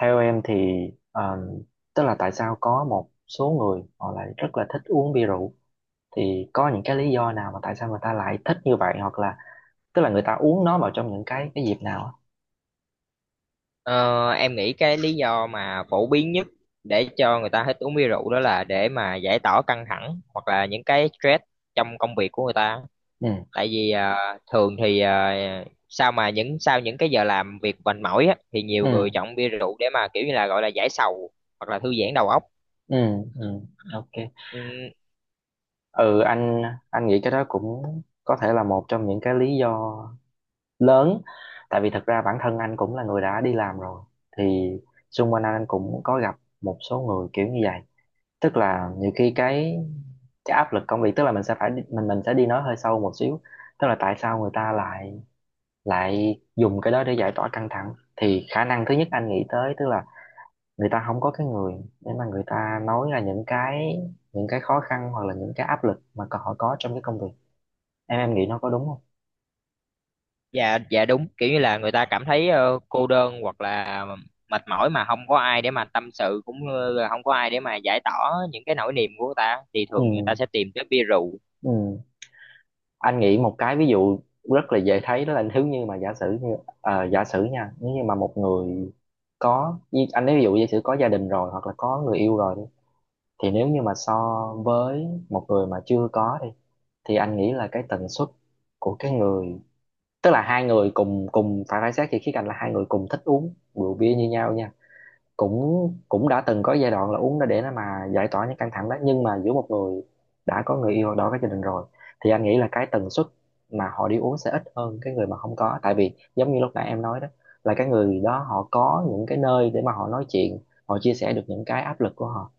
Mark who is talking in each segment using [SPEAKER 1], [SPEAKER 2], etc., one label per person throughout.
[SPEAKER 1] Theo em thì um, tức là tại sao có một số người họ lại rất là thích uống bia rượu thì có những cái lý do nào mà tại sao người ta lại thích như vậy hoặc là tức là người ta uống nó vào trong những cái dịp nào á?
[SPEAKER 2] Ờ, em nghĩ cái lý do mà phổ biến nhất để cho người ta hết uống bia rượu đó là để mà giải tỏa căng thẳng hoặc là những cái stress trong công việc của người ta.
[SPEAKER 1] Ừ.
[SPEAKER 2] Tại vì thường thì sao mà những sau những cái giờ làm việc mệt mỏi á, thì nhiều
[SPEAKER 1] Ừ.
[SPEAKER 2] người chọn bia rượu để mà kiểu như là gọi là giải sầu hoặc là thư giãn đầu óc.
[SPEAKER 1] Ừ. Ừ. OK.
[SPEAKER 2] Ừ,
[SPEAKER 1] Ừ. Anh nghĩ cái đó cũng có thể là một trong những cái lý do lớn, tại vì thật ra bản thân anh cũng là người đã đi làm rồi thì xung quanh anh cũng có gặp một số người kiểu như vậy. Tức là nhiều khi cái áp lực công việc, tức là mình sẽ đi nói hơi sâu một xíu. Tức là tại sao người ta lại lại dùng cái đó để giải tỏa căng thẳng thì khả năng thứ nhất anh nghĩ tới, tức là người ta không có cái người để mà người ta nói là những cái khó khăn hoặc là những cái áp lực mà còn họ có trong cái công việc. Em nghĩ nó có đúng không?
[SPEAKER 2] dạ dạ đúng, kiểu như là người ta cảm thấy cô đơn hoặc là mệt mỏi mà không có ai để mà tâm sự cũng như là không có ai để mà giải tỏa những cái nỗi niềm của người ta thì
[SPEAKER 1] Ừ.
[SPEAKER 2] thường người ta sẽ tìm tới bia rượu.
[SPEAKER 1] Ừ. Anh nghĩ một cái ví dụ rất là dễ thấy, đó là nếu như mà giả sử như giả sử nha, nếu như mà một người anh nói ví dụ giả sử có gia đình rồi hoặc là có người yêu rồi đi, thì nếu như mà so với một người mà chưa có đi, thì anh nghĩ là cái tần suất của cái người, tức là hai người cùng cùng phải phải xét thì khía cạnh là hai người cùng thích uống rượu bia như nhau nha, cũng cũng đã từng có giai đoạn là uống đó để nó mà giải tỏa những căng thẳng đó, nhưng mà giữa một người đã có người yêu hoặc đã có gia đình rồi thì anh nghĩ là cái tần suất mà họ đi uống sẽ ít hơn cái người mà không có, tại vì giống như lúc nãy em nói đó, là cái người đó họ có những cái nơi để mà họ nói chuyện, họ chia sẻ được những cái áp lực của họ.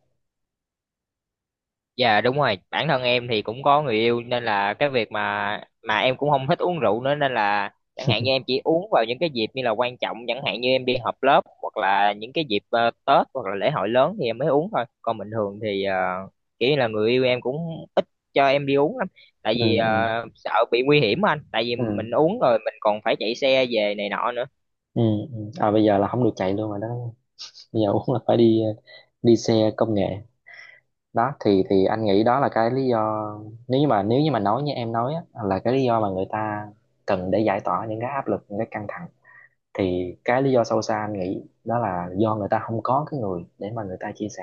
[SPEAKER 2] Dạ đúng rồi, bản thân em thì cũng có người yêu nên là cái việc mà em cũng không thích uống rượu nữa, nên là chẳng hạn như em chỉ uống vào những cái dịp như là quan trọng, chẳng hạn như em đi họp lớp hoặc là những cái dịp Tết hoặc là lễ hội lớn thì em mới uống thôi. Còn bình thường thì kiểu như là người yêu em cũng ít cho em đi uống lắm, tại
[SPEAKER 1] Ừ.
[SPEAKER 2] vì
[SPEAKER 1] Ừ.
[SPEAKER 2] sợ bị nguy hiểm anh, tại vì
[SPEAKER 1] Ừ.
[SPEAKER 2] mình uống rồi mình còn phải chạy xe về này nọ nữa.
[SPEAKER 1] Ừ. Ừ. À, bây giờ là không được chạy luôn rồi đó, bây giờ uống là phải đi đi xe công nghệ. Đó thì anh nghĩ đó là cái lý do, nếu như mà nói như em nói á, là cái lý do mà người ta cần để giải tỏa những cái áp lực, những cái căng thẳng, thì cái lý do sâu xa anh nghĩ đó là do người ta không có cái người để mà người ta chia sẻ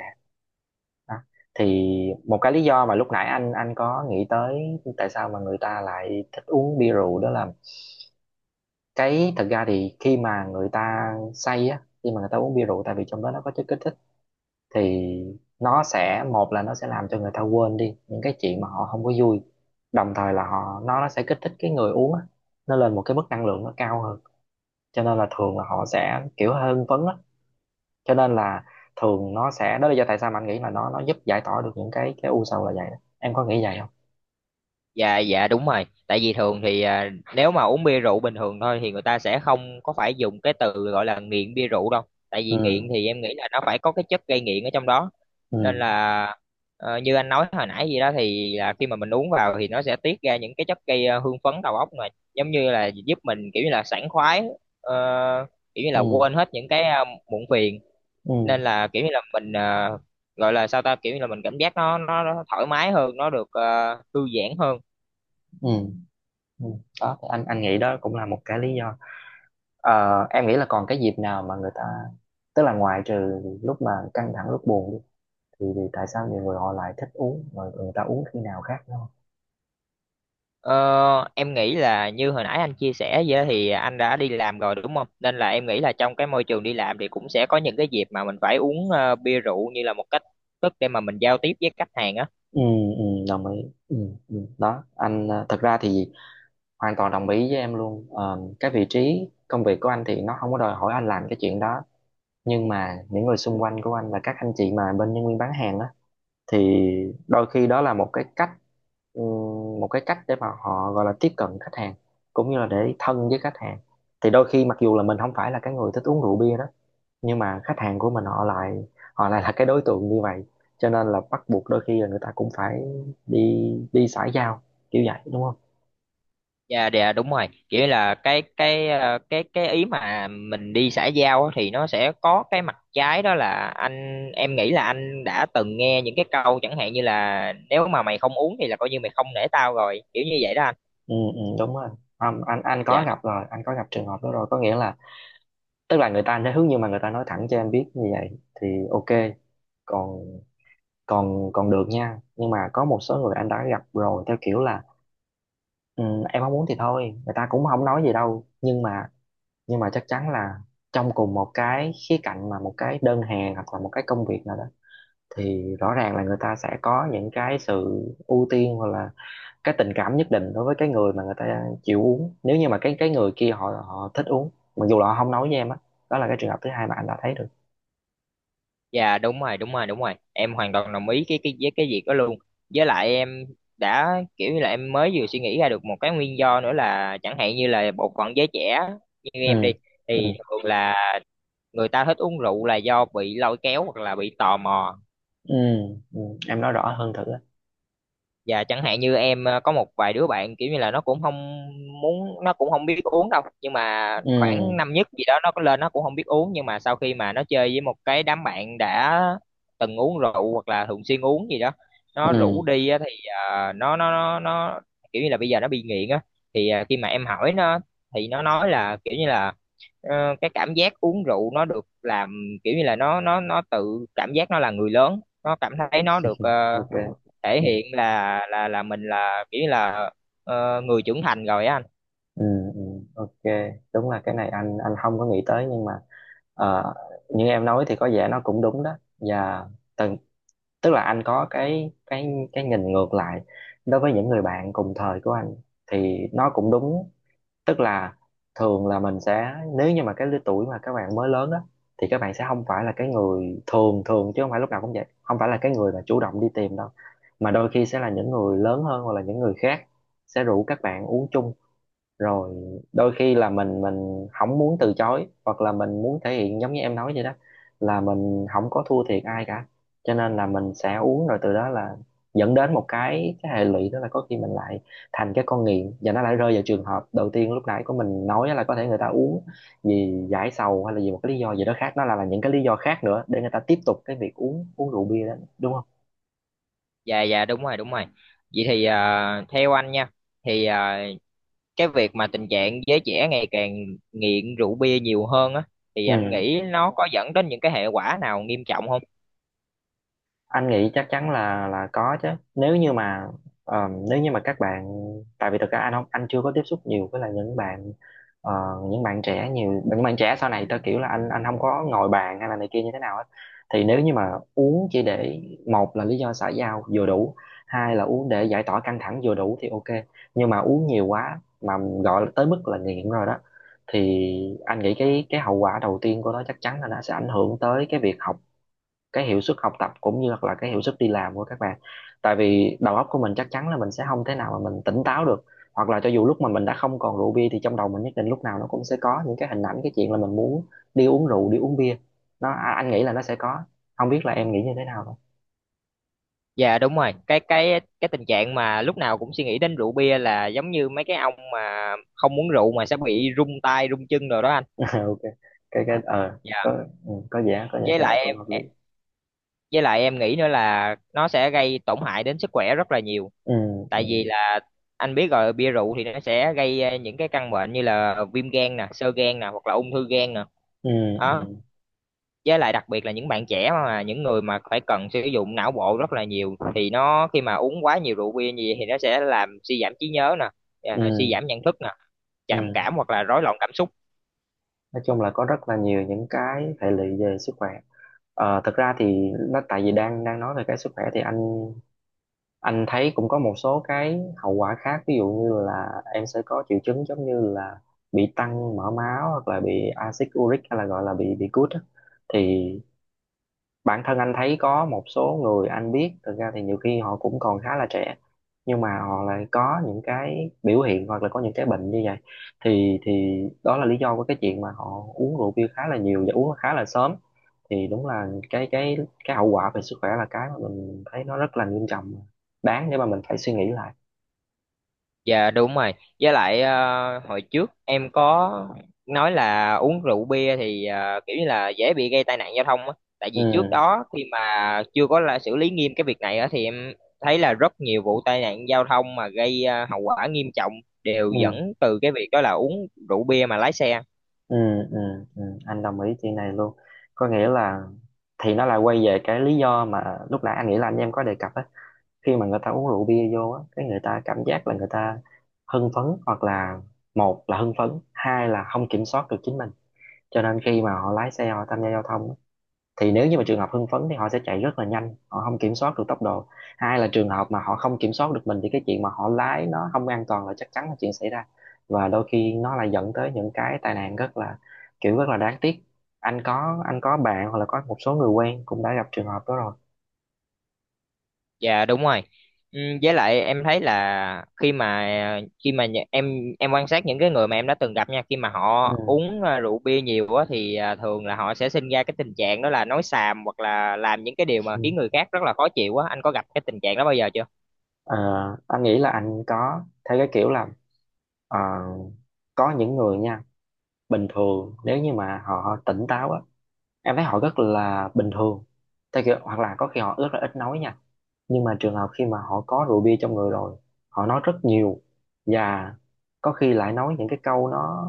[SPEAKER 1] đó. Thì một cái lý do mà lúc nãy anh có nghĩ tới tại sao mà người ta lại thích uống bia rượu đó là, cái thật ra thì khi mà người ta say á, khi mà người ta uống bia rượu, tại vì trong đó nó có chất kích thích, thì nó sẽ, một là nó sẽ làm cho người ta quên đi những cái chuyện mà họ không có vui, đồng thời là họ nó sẽ kích thích cái người uống á, nó lên một cái mức năng lượng nó cao hơn, cho nên là thường là họ sẽ kiểu hơi hưng phấn á, cho nên là thường nó sẽ, đó là lý do tại sao mà anh nghĩ là nó giúp giải tỏa được những cái u sầu là vậy đó. Em có nghĩ vậy không?
[SPEAKER 2] Dạ dạ đúng rồi, tại vì thường thì à, nếu mà uống bia rượu bình thường thôi thì người ta sẽ không có phải dùng cái từ gọi là nghiện bia rượu đâu, tại vì
[SPEAKER 1] Ừ.
[SPEAKER 2] nghiện thì em nghĩ là nó phải có cái chất gây nghiện ở trong đó. Nên
[SPEAKER 1] Ừ.
[SPEAKER 2] là như anh nói hồi nãy gì đó thì là khi mà mình uống vào thì nó sẽ tiết ra những cái chất gây hưng phấn đầu óc, mà giống như là giúp mình kiểu như là sảng khoái, ờ, kiểu như là
[SPEAKER 1] Ừ.
[SPEAKER 2] quên hết những cái muộn phiền,
[SPEAKER 1] Ừ.
[SPEAKER 2] nên là kiểu như là mình gọi là sao ta, kiểu như là mình cảm giác nó thoải mái hơn, nó được thư giãn hơn.
[SPEAKER 1] Ừ. Ừ. Đó thì anh nghĩ đó cũng là một cái lý do. Ờ, em nghĩ là còn cái dịp nào mà người ta, tức là ngoài trừ lúc mà căng thẳng lúc buồn đi, thì tại sao nhiều người họ lại thích uống, rồi người ta uống khi nào khác đúng không?
[SPEAKER 2] Ờ, em nghĩ là như hồi nãy anh chia sẻ vậy thì anh đã đi làm rồi đúng không? Nên là em nghĩ là trong cái môi trường đi làm thì cũng sẽ có những cái dịp mà mình phải uống bia rượu như là một cách thức để mà mình giao tiếp với khách hàng á.
[SPEAKER 1] Ừ. Ừ đồng ý. Ừ. Ừ. Đó anh, thật ra thì hoàn toàn đồng ý với em luôn. Ờ, cái vị trí công việc của anh thì nó không có đòi hỏi anh làm cái chuyện đó, nhưng mà những người xung quanh của anh và các anh chị mà bên nhân viên bán hàng á thì đôi khi đó là một cái cách, ừ, một cái cách để mà họ gọi là tiếp cận khách hàng cũng như là để thân với khách hàng. Thì đôi khi mặc dù là mình không phải là cái người thích uống rượu bia đó, nhưng mà khách hàng của mình họ lại là cái đối tượng như vậy, cho nên là bắt buộc đôi khi là người ta cũng phải đi đi xã giao kiểu vậy đúng không?
[SPEAKER 2] Dạ dạ, đúng rồi. Kiểu như là cái ờ, cái ý mà mình đi xã giao á thì nó sẽ có cái mặt trái, đó là anh em nghĩ là anh đã từng nghe những cái câu chẳng hạn như là nếu mà mày không uống thì là coi như mày không nể tao rồi, kiểu như vậy đó anh.
[SPEAKER 1] Ừ. Ừ đúng rồi. Anh có
[SPEAKER 2] Dạ.
[SPEAKER 1] gặp rồi, anh có gặp trường hợp đó rồi, có nghĩa là, tức là người ta nói hướng nhưng mà người ta nói thẳng cho em biết như vậy thì OK, còn còn còn được nha, nhưng mà có một số người anh đã gặp rồi theo kiểu là: ừ, em không muốn thì thôi người ta cũng không nói gì đâu, nhưng mà chắc chắn là trong cùng một cái khía cạnh mà một cái đơn hàng hoặc là một cái công việc nào đó, thì rõ ràng là người ta sẽ có những cái sự ưu tiên hoặc là cái tình cảm nhất định đối với cái người mà người ta chịu uống, nếu như mà cái người kia họ họ thích uống, mặc dù là họ không nói với em á. Đó là cái trường hợp thứ hai mà anh đã thấy được.
[SPEAKER 2] Dạ đúng rồi đúng rồi đúng rồi, em hoàn toàn đồng ý cái với cái việc đó luôn. Với lại em đã kiểu như là em mới vừa suy nghĩ ra được một cái nguyên do nữa, là chẳng hạn như là bộ phận giới trẻ như em đi,
[SPEAKER 1] Ừ. Ừ.
[SPEAKER 2] thì thường là người ta thích uống rượu là do bị lôi kéo hoặc là bị tò mò.
[SPEAKER 1] Ừ. Ừ. Em nói rõ hơn thử á.
[SPEAKER 2] Và chẳng hạn như em có một vài đứa bạn kiểu như là nó cũng không muốn, nó cũng không biết uống đâu, nhưng mà
[SPEAKER 1] Ừ.
[SPEAKER 2] khoảng năm nhất gì đó nó có lên, nó cũng không biết uống, nhưng mà sau khi mà nó chơi với một cái đám bạn đã từng uống rượu hoặc là thường xuyên uống gì đó, nó rủ
[SPEAKER 1] Ừ.
[SPEAKER 2] đi á, thì nó kiểu như là bây giờ nó bị nghiện á. Thì khi mà em hỏi nó thì nó nói là kiểu như là cái cảm giác uống rượu nó được làm kiểu như là nó tự cảm giác nó là người lớn, nó cảm thấy nó được
[SPEAKER 1] OK.
[SPEAKER 2] thể
[SPEAKER 1] Ừ.
[SPEAKER 2] hiện là mình là kiểu như là người trưởng thành rồi á anh.
[SPEAKER 1] Ừ. Ừ. OK. Đúng là cái này anh không có nghĩ tới, nhưng mà ờ, như em nói thì có vẻ nó cũng đúng đó. Và tức là anh có cái nhìn ngược lại đối với những người bạn cùng thời của anh thì nó cũng đúng, tức là thường là mình sẽ, nếu như mà cái lứa tuổi mà các bạn mới lớn á thì các bạn sẽ không phải là cái người, thường thường chứ không phải lúc nào cũng vậy, không phải là cái người mà chủ động đi tìm đâu, mà đôi khi sẽ là những người lớn hơn hoặc là những người khác sẽ rủ các bạn uống chung. Rồi đôi khi là mình không muốn từ chối, hoặc là mình muốn thể hiện giống như em nói vậy đó, là mình không có thua thiệt ai cả, cho nên là mình sẽ uống, rồi từ đó là dẫn đến một cái hệ lụy, đó là có khi mình lại thành cái con nghiện và nó lại rơi vào trường hợp đầu tiên lúc nãy của mình nói, là có thể người ta uống vì giải sầu hay là vì một cái lý do gì đó khác, nó là những cái lý do khác nữa để người ta tiếp tục cái việc uống uống rượu bia đó đúng không?
[SPEAKER 2] Dạ dạ đúng rồi đúng rồi. Vậy thì theo anh nha, thì cái việc mà tình trạng giới trẻ ngày càng nghiện rượu bia nhiều hơn á, thì anh
[SPEAKER 1] Ừ,
[SPEAKER 2] nghĩ nó có dẫn đến những cái hệ quả nào nghiêm trọng không?
[SPEAKER 1] anh nghĩ chắc chắn là có chứ, nếu như mà nếu như mà các bạn, tại vì thực ra anh chưa có tiếp xúc nhiều với là những bạn ờ, những bạn trẻ nhiều những bạn trẻ sau này, theo kiểu là anh không có ngồi bàn hay là này kia như thế nào hết. Thì nếu như mà uống chỉ để, một là lý do xã giao vừa đủ, hai là uống để giải tỏa căng thẳng vừa đủ thì OK, nhưng mà uống nhiều quá mà gọi là tới mức là nghiện rồi đó, thì anh nghĩ cái hậu quả đầu tiên của nó chắc chắn là nó sẽ ảnh hưởng tới cái việc học, cái hiệu suất học tập cũng như là cái hiệu suất đi làm của các bạn, tại vì đầu óc của mình chắc chắn là mình sẽ không thể nào mà mình tỉnh táo được, hoặc là cho dù lúc mà mình đã không còn rượu bia thì trong đầu mình nhất định lúc nào nó cũng sẽ có những cái hình ảnh, cái chuyện là mình muốn đi uống rượu đi uống bia. Anh nghĩ là nó sẽ có, không biết là em nghĩ như thế nào thôi.
[SPEAKER 2] Dạ đúng rồi, cái tình trạng mà lúc nào cũng suy nghĩ đến rượu bia là giống như mấy cái ông mà không uống rượu mà sẽ bị rung tay rung chân rồi đó anh.
[SPEAKER 1] OK. Cái ờ Có.
[SPEAKER 2] Dạ,
[SPEAKER 1] Ừ, có vẻ
[SPEAKER 2] với
[SPEAKER 1] cái đó
[SPEAKER 2] lại
[SPEAKER 1] cũng
[SPEAKER 2] em
[SPEAKER 1] hợp lý.
[SPEAKER 2] với lại em nghĩ nữa là nó sẽ gây tổn hại đến sức khỏe rất là nhiều,
[SPEAKER 1] Ừ. Ừ.
[SPEAKER 2] tại vì là anh biết rồi, bia rượu thì nó sẽ gây những cái căn bệnh như là viêm gan nè, xơ gan nè, hoặc là ung thư gan nè
[SPEAKER 1] Ừ.
[SPEAKER 2] đó.
[SPEAKER 1] Ừ.
[SPEAKER 2] Với lại đặc biệt là những bạn trẻ mà những người mà phải cần sử dụng não bộ rất là nhiều, thì nó khi mà uống quá nhiều rượu bia như vậy thì nó sẽ làm suy giảm trí nhớ nè,
[SPEAKER 1] Ừ.
[SPEAKER 2] à, suy giảm nhận thức nè, trầm
[SPEAKER 1] Ừ.
[SPEAKER 2] cảm hoặc là rối loạn cảm xúc.
[SPEAKER 1] Nói chung là có rất là nhiều những cái hệ lụy về sức khỏe. Thật ra thì nó tại vì đang đang nói về cái sức khỏe thì anh thấy cũng có một số cái hậu quả khác, ví dụ như là em sẽ có triệu chứng giống như là bị tăng mỡ máu hoặc là bị axit uric, hay là gọi là bị gút á. Thì bản thân anh thấy có một số người anh biết, thực ra thì nhiều khi họ cũng còn khá là trẻ, nhưng mà họ lại có những cái biểu hiện hoặc là có những cái bệnh như vậy. Thì đó là lý do của cái chuyện mà họ uống rượu bia khá là nhiều và uống khá là sớm. Thì đúng là cái hậu quả về sức khỏe là cái mà mình thấy nó rất là nghiêm trọng, đáng để mà mình phải suy nghĩ lại.
[SPEAKER 2] Dạ đúng rồi. Với lại hồi trước em có nói là uống rượu bia thì kiểu như là dễ bị gây tai nạn giao thông á. Tại vì trước
[SPEAKER 1] Ừ,
[SPEAKER 2] đó khi mà chưa có là xử lý nghiêm cái việc này á, thì em thấy là rất nhiều vụ tai nạn giao thông mà gây hậu quả nghiêm trọng đều
[SPEAKER 1] ừ,
[SPEAKER 2] dẫn từ cái việc đó là uống rượu bia mà lái xe.
[SPEAKER 1] ừ, ừ, ừ. Anh đồng ý chuyện này luôn. Có nghĩa là thì nó lại quay về cái lý do mà lúc nãy anh nghĩ là anh em có đề cập á. Khi mà người ta uống rượu bia vô á, cái người ta cảm giác là người ta hưng phấn, hoặc là một là hưng phấn, hai là không kiểm soát được chính mình. Cho nên khi mà họ lái xe, họ tham gia giao thông á, thì nếu như mà trường hợp hưng phấn thì họ sẽ chạy rất là nhanh, họ không kiểm soát được tốc độ. Hai là trường hợp mà họ không kiểm soát được mình thì cái chuyện mà họ lái nó không an toàn là chắc chắn là chuyện xảy ra. Và đôi khi nó lại dẫn tới những cái tai nạn rất là, kiểu rất là đáng tiếc. Anh có bạn hoặc là có một số người quen cũng đã gặp trường hợp đó rồi.
[SPEAKER 2] Dạ đúng rồi. Ừ, với lại em thấy là em quan sát những cái người mà em đã từng gặp nha, khi mà họ uống à, rượu bia nhiều á thì à, thường là họ sẽ sinh ra cái tình trạng đó là nói xàm hoặc là làm những cái điều mà
[SPEAKER 1] Ừ.
[SPEAKER 2] khiến người khác rất là khó chịu á. Anh có gặp cái tình trạng đó bao giờ chưa?
[SPEAKER 1] Ờ, anh nghĩ là anh có thấy cái kiểu là, ờ, có những người nha, bình thường nếu như mà họ tỉnh táo á, em thấy họ rất là bình thường, theo kiểu hoặc là có khi họ rất là ít nói nha. Nhưng mà trường hợp khi mà họ có rượu bia trong người rồi, họ nói rất nhiều. Và có khi lại nói những cái câu nó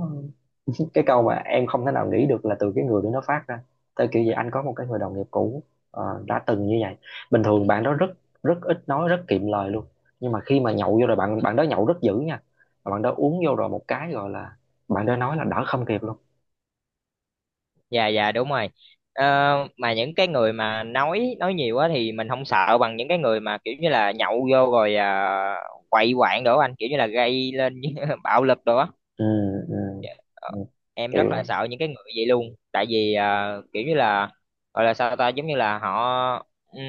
[SPEAKER 1] cái câu mà em không thể nào nghĩ được là từ cái người đó nó phát ra. Tới kiểu gì anh có một cái người đồng nghiệp cũ đã từng như vậy. Bình thường bạn đó rất, rất ít nói, rất kiệm lời luôn. Nhưng mà khi mà nhậu vô rồi, bạn bạn đó nhậu rất dữ nha. Mà bạn đó uống vô rồi, một cái gọi là bạn đó nói là đỡ không kịp luôn.
[SPEAKER 2] Dạ dạ đúng rồi. Ờ, mà những cái người mà nói nhiều á thì mình không sợ bằng những cái người mà kiểu như là nhậu vô rồi à, quậy quạng đồ á anh, kiểu như là gây lên bạo lực đồ á.
[SPEAKER 1] Ừ, ừ,
[SPEAKER 2] Dạ, ờ,
[SPEAKER 1] ừ.
[SPEAKER 2] em
[SPEAKER 1] Kiểu,
[SPEAKER 2] rất là sợ những cái người vậy luôn, tại vì kiểu như là gọi là sao ta, giống như là họ ừm,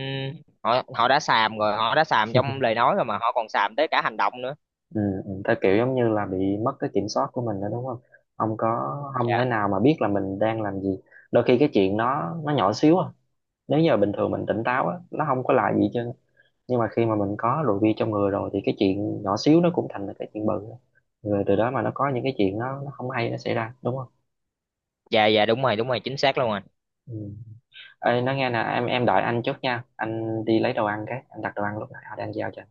[SPEAKER 2] họ họ đã xàm rồi, họ đã xàm trong lời nói rồi mà họ còn xàm tới cả hành động nữa.
[SPEAKER 1] ừ, ừ, ta kiểu giống như là bị mất cái kiểm soát của mình nữa, đúng không? Không có, không
[SPEAKER 2] dạ
[SPEAKER 1] thể nào mà biết là mình đang làm gì. Đôi khi cái chuyện nó nhỏ xíu à. Nếu như bình thường mình tỉnh táo á, nó không có là gì chứ. Nhưng mà khi mà mình có rượu bia trong người rồi thì cái chuyện nhỏ xíu nó cũng thành là cái chuyện bự. Rồi từ đó mà nó có những cái chuyện nó không hay nó xảy ra, đúng không?
[SPEAKER 2] dạ dạ đúng rồi đúng rồi, chính xác luôn rồi.
[SPEAKER 1] Ừ. Ê, nói nghe nè, em đợi anh chút nha. Anh đi lấy đồ ăn cái, anh đặt đồ ăn lúc nãy họ đang giao cho.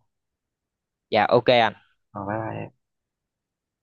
[SPEAKER 2] Dạ, ok ạ.
[SPEAKER 1] Rồi bye bye em.